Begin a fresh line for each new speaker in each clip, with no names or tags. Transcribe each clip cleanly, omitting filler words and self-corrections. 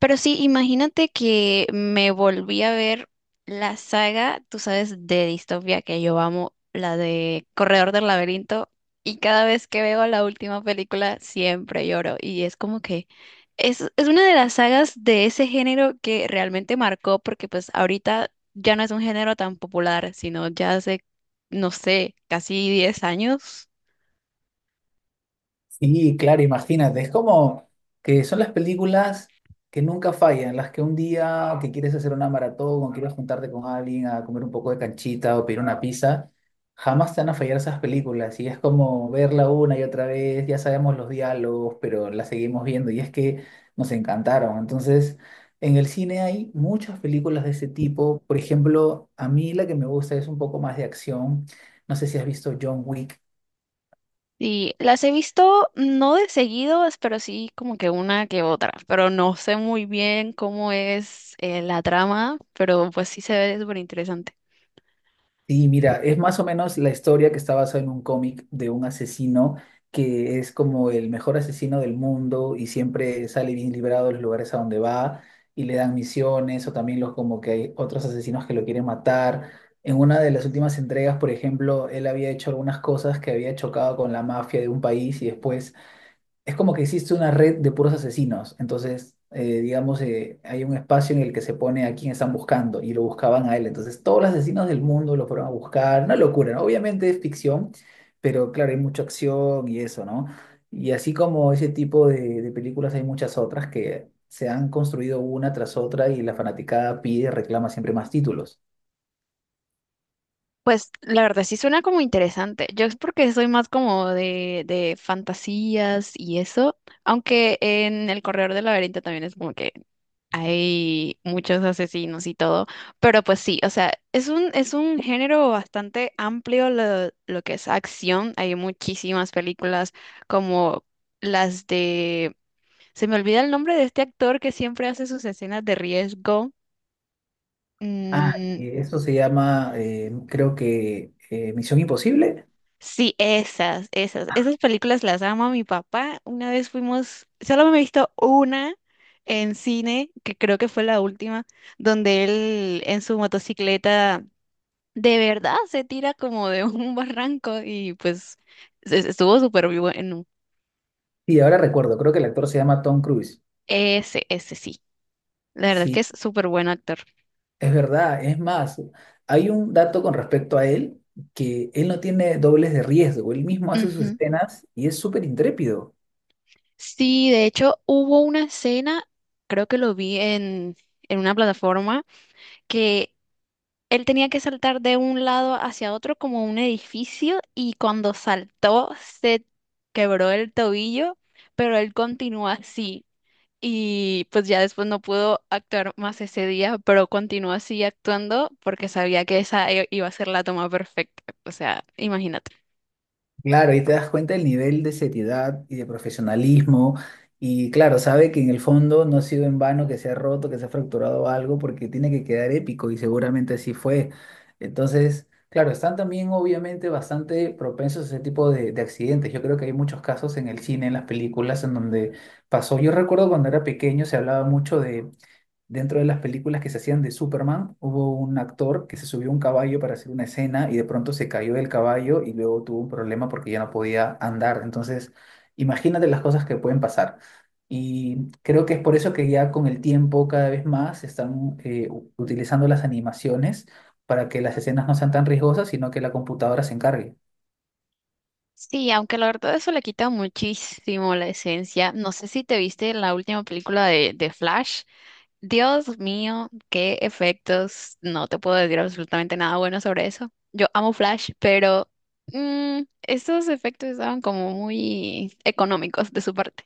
Pero sí, imagínate que me volví a ver la saga, tú sabes, de distopia que yo amo, la de Corredor del Laberinto, y cada vez que veo la última película siempre lloro, y es como que es una de las sagas de ese género que realmente marcó, porque pues ahorita ya no es un género tan popular, sino ya hace, no sé, casi 10 años.
Sí, claro, imagínate, es como que son las películas que nunca fallan, las que un día que quieres hacer una maratón o quieres juntarte con alguien a comer un poco de canchita o pedir una pizza, jamás te van a fallar esas películas y es como verla una y otra vez, ya sabemos los diálogos, pero la seguimos viendo y es que nos encantaron. Entonces, en el cine hay muchas películas de ese tipo, por ejemplo, a mí la que me gusta es un poco más de acción, no sé si has visto John Wick.
Sí, las he visto no de seguidos, pero sí como que una que otra, pero no sé muy bien cómo es la trama, pero pues sí se ve súper interesante.
Sí, mira, es más o menos la historia que está basada en un cómic de un asesino que es como el mejor asesino del mundo y siempre sale bien librado de los lugares a donde va y le dan misiones o también los como que hay otros asesinos que lo quieren matar. En una de las últimas entregas, por ejemplo, él había hecho algunas cosas que había chocado con la mafia de un país y después es como que existe una red de puros asesinos. Entonces, digamos, hay un espacio en el que se pone a quién están buscando y lo buscaban a él. Entonces, todos los asesinos del mundo lo fueron a buscar. Una locura, ¿no? Obviamente es ficción, pero claro, hay mucha acción y eso, ¿no? Y así como ese tipo de películas, hay muchas otras que se han construido una tras otra y la fanaticada pide, reclama siempre más títulos.
Pues la verdad sí suena como interesante. Yo es porque soy más como de fantasías y eso, aunque en El Corredor del Laberinto también es como que hay muchos asesinos y todo, pero pues sí, o sea, es un género bastante amplio lo que es acción, hay muchísimas películas como las de, se me olvida el nombre de este actor que siempre hace sus escenas de riesgo.
Ah,
Mm,
y eso se llama, creo que, Misión Imposible.
sí,
Ah,
esas películas las ama mi papá. Una vez fuimos, solo me he visto una en cine, que creo que fue la última, donde él en su motocicleta de verdad se tira como de un barranco y pues estuvo súper bueno.
sí, ahora recuerdo, creo que el actor se llama Tom Cruise.
Ese sí. La verdad es que
Sí,
es súper buen actor.
es verdad. Es más, hay un dato con respecto a él, que él no tiene dobles de riesgo. Él mismo hace sus
Ujú.
escenas y es súper intrépido.
Sí, de hecho hubo una escena, creo que lo vi en una plataforma, que él tenía que saltar de un lado hacia otro como un edificio y cuando saltó se quebró el tobillo, pero él continuó así. Y pues ya después no pudo actuar más ese día, pero continuó así actuando porque sabía que esa iba a ser la toma perfecta. O sea, imagínate.
Claro, y te das cuenta del nivel de seriedad y de profesionalismo. Y claro, sabe que en el fondo no ha sido en vano que se ha roto, que se ha fracturado algo, porque tiene que quedar épico y seguramente así fue. Entonces, claro, están también obviamente bastante propensos a ese tipo de accidentes. Yo creo que hay muchos casos en el cine, en las películas, en donde pasó. Yo recuerdo cuando era pequeño se hablaba mucho de dentro de las películas que se hacían de Superman, hubo un actor que se subió a un caballo para hacer una escena y de pronto se cayó del caballo y luego tuvo un problema porque ya no podía andar. Entonces, imagínate las cosas que pueden pasar. Y creo que es por eso que ya con el tiempo cada vez más se están utilizando las animaciones para que las escenas no sean tan riesgosas, sino que la computadora se encargue.
Sí, aunque la verdad eso le quita muchísimo la esencia. No sé si te viste la última película de Flash. Dios mío, qué efectos. No te puedo decir absolutamente nada bueno sobre eso. Yo amo Flash, pero estos efectos estaban como muy económicos de su parte.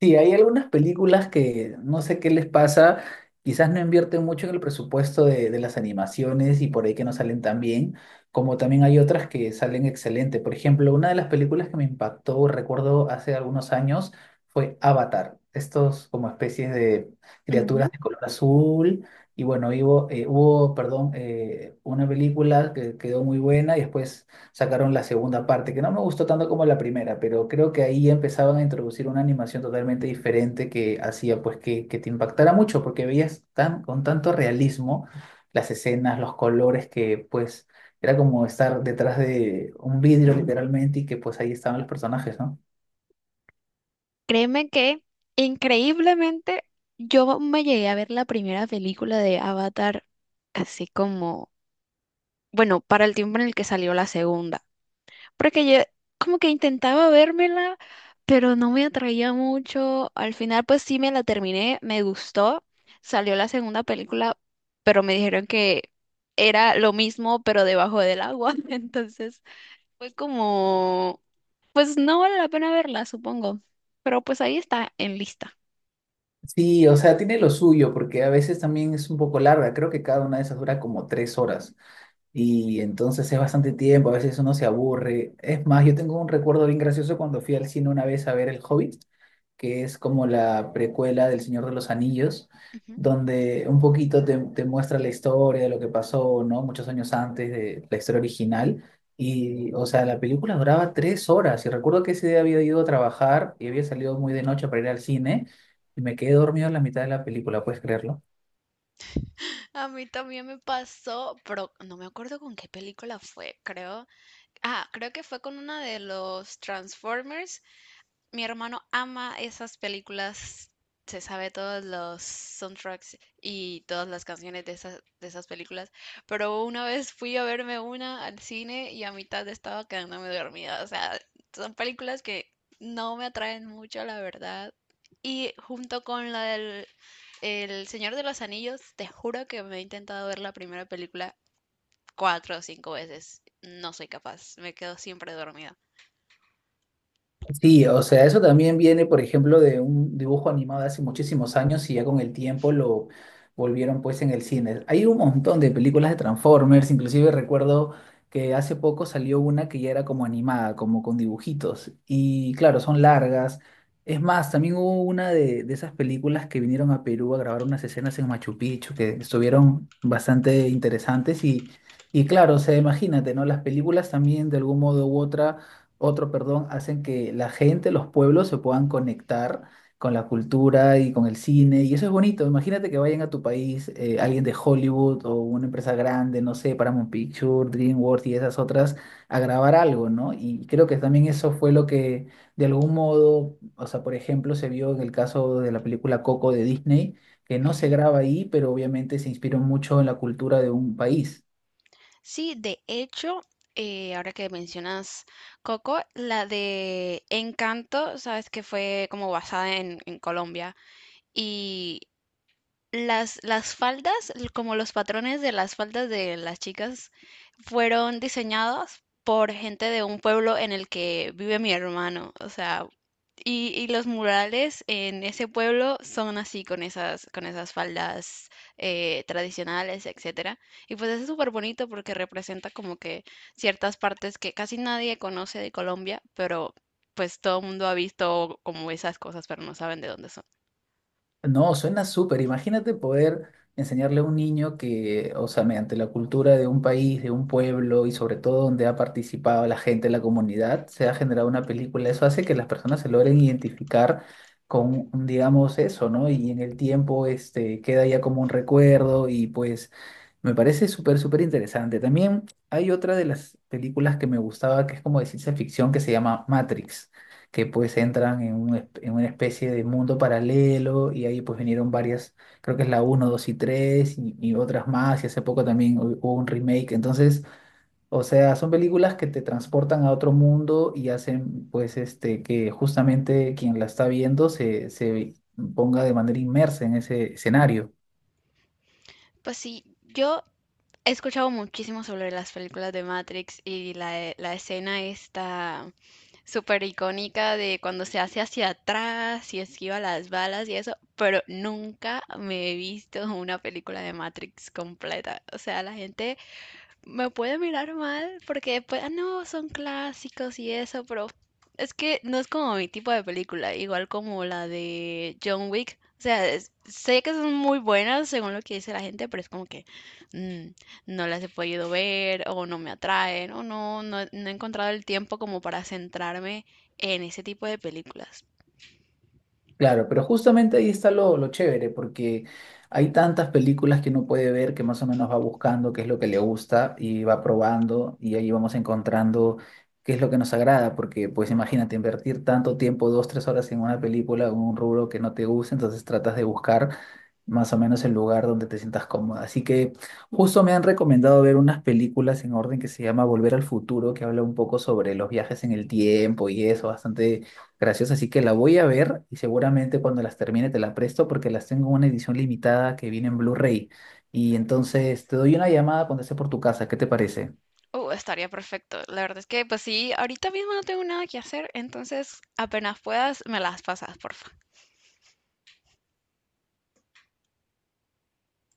Sí, hay algunas películas que no sé qué les pasa, quizás no invierten mucho en el presupuesto de las animaciones y por ahí que no salen tan bien, como también hay otras que salen excelente. Por ejemplo, una de las películas que me impactó, recuerdo hace algunos años, fue Avatar. Estos como especies de
Ujú.
criaturas de color azul. Y bueno, hubo una película que quedó muy buena y después sacaron la segunda parte, que no me gustó tanto como la primera, pero creo que ahí empezaban a introducir una animación totalmente diferente que hacía pues que te impactara mucho, porque veías tan, con tanto realismo las escenas, los colores, que pues era como estar detrás de un vidrio literalmente y que pues ahí estaban los personajes, ¿no?
Créeme que increíblemente yo me llegué a ver la primera película de Avatar así como, bueno, para el tiempo en el que salió la segunda. Porque yo como que intentaba vérmela, pero no me atraía mucho. Al final pues sí me la terminé, me gustó. Salió la segunda película, pero me dijeron que era lo mismo, pero debajo del agua. Entonces fue como, pues no vale la pena verla, supongo. Pero pues ahí está en lista.
Sí, o sea, tiene lo suyo, porque a veces también es un poco larga, creo que cada una de esas dura como 3 horas. Y entonces es bastante tiempo, a veces uno se aburre. Es más, yo tengo un recuerdo bien gracioso cuando fui al cine una vez a ver El Hobbit, que es como la precuela del Señor de los Anillos,
Ujú.
donde un poquito te muestra la historia de lo que pasó, ¿no? Muchos años antes de la historia original. Y, o sea, la película duraba 3 horas. Y recuerdo que ese día había ido a trabajar y había salido muy de noche para ir al cine y me quedé dormido en la mitad de la película, ¿puedes creerlo?
A mí también me pasó, pero no me acuerdo con qué película fue, creo. Ah, creo que fue con una de los Transformers. Mi hermano ama esas películas, se sabe todos los soundtracks y todas las canciones de esas películas, pero una vez fui a verme una al cine y a mitad estaba quedándome dormida. O sea, son películas que no me atraen mucho, la verdad. Y junto con la del El Señor de los Anillos, te juro que me he intentado ver la primera película cuatro o cinco veces. No soy capaz, me quedo siempre dormida.
Sí, o sea, eso también viene, por ejemplo, de un dibujo animado de hace muchísimos años y ya con el tiempo lo volvieron pues en el cine. Hay un montón de películas de Transformers, inclusive recuerdo que hace poco salió una que ya era como animada, como con dibujitos. Y claro, son largas. Es más, también hubo una de esas películas que vinieron a Perú a grabar unas escenas en Machu Picchu que estuvieron bastante interesantes y claro, o sea, imagínate, ¿no? Las películas también de algún modo u otra otro, perdón, hacen que la gente, los pueblos se puedan conectar con la cultura y con el cine, y eso es bonito. Imagínate que vayan a tu país alguien de Hollywood o una empresa grande, no sé, Paramount Pictures, DreamWorks y esas otras, a grabar algo, ¿no? Y creo que también eso fue lo que, de algún modo, o sea, por ejemplo, se vio en el caso de la película Coco de Disney, que no se
Ujú.
graba ahí, pero obviamente se inspiró mucho en la cultura de un país.
Sí, de hecho, ahora que mencionas Coco, la de Encanto, sabes que fue como basada en Colombia y las faldas, como los patrones de las faldas de las chicas, fueron diseñados por gente de un pueblo en el que vive mi hermano. O sea, y los murales en ese pueblo son así con esas faldas tradicionales, etcétera. Y pues es súper bonito porque representa como que ciertas partes que casi nadie conoce de Colombia, pero pues todo el mundo ha visto como esas cosas, pero no saben de dónde son.
No, suena súper. Imagínate poder enseñarle a un niño que, o sea, mediante la cultura de un país, de un pueblo y sobre todo donde ha participado la gente, la comunidad, se ha generado una película. Eso hace que las personas se logren identificar con, digamos, eso, ¿no? Y en el tiempo, este, queda ya como un recuerdo y pues me parece súper, súper interesante. También hay otra de las películas que me gustaba que es como de ciencia ficción que se llama Matrix que pues entran en, en una especie de mundo paralelo y ahí pues vinieron varias, creo que es la uno 2 y 3 y otras más y hace poco también hubo un remake, entonces, o sea, son películas que te transportan a otro mundo y hacen pues este que justamente quien la está viendo se, se ponga de manera inmersa en ese escenario.
Pues sí, yo he escuchado muchísimo sobre las películas de Matrix y la escena esta súper icónica de cuando se hace hacia atrás y esquiva las balas y eso, pero nunca me he visto una película de Matrix completa. O sea, la gente me puede mirar mal porque después, ah, no, son clásicos y eso, pero es que no es como mi tipo de película, igual como la de John Wick. O sea, sé que son muy buenas según lo que dice la gente, pero es como que mm, no las he podido ver o no me atraen o no he encontrado el tiempo como para centrarme en ese tipo de películas.
Claro, pero justamente ahí está lo chévere, porque hay tantas películas que uno puede ver que más o menos va buscando qué es lo que le gusta y va probando y ahí vamos encontrando qué es lo que nos agrada, porque pues imagínate invertir tanto tiempo, 2, 3 horas en una película o en un rubro que no te gusta, entonces tratas de buscar más o menos el lugar donde te sientas cómoda. Así que justo me han recomendado ver unas películas en orden que se llama Volver al Futuro, que habla un poco sobre los viajes en el tiempo y eso, bastante gracioso. Así que la voy a ver y seguramente cuando las termine te la presto porque las tengo en una edición limitada que viene en Blu-ray. Y entonces te doy una llamada cuando esté por tu casa. ¿Qué te parece?
Estaría perfecto. La verdad es que, pues sí, ahorita mismo no tengo nada que hacer, entonces apenas puedas, me las pasas, porfa.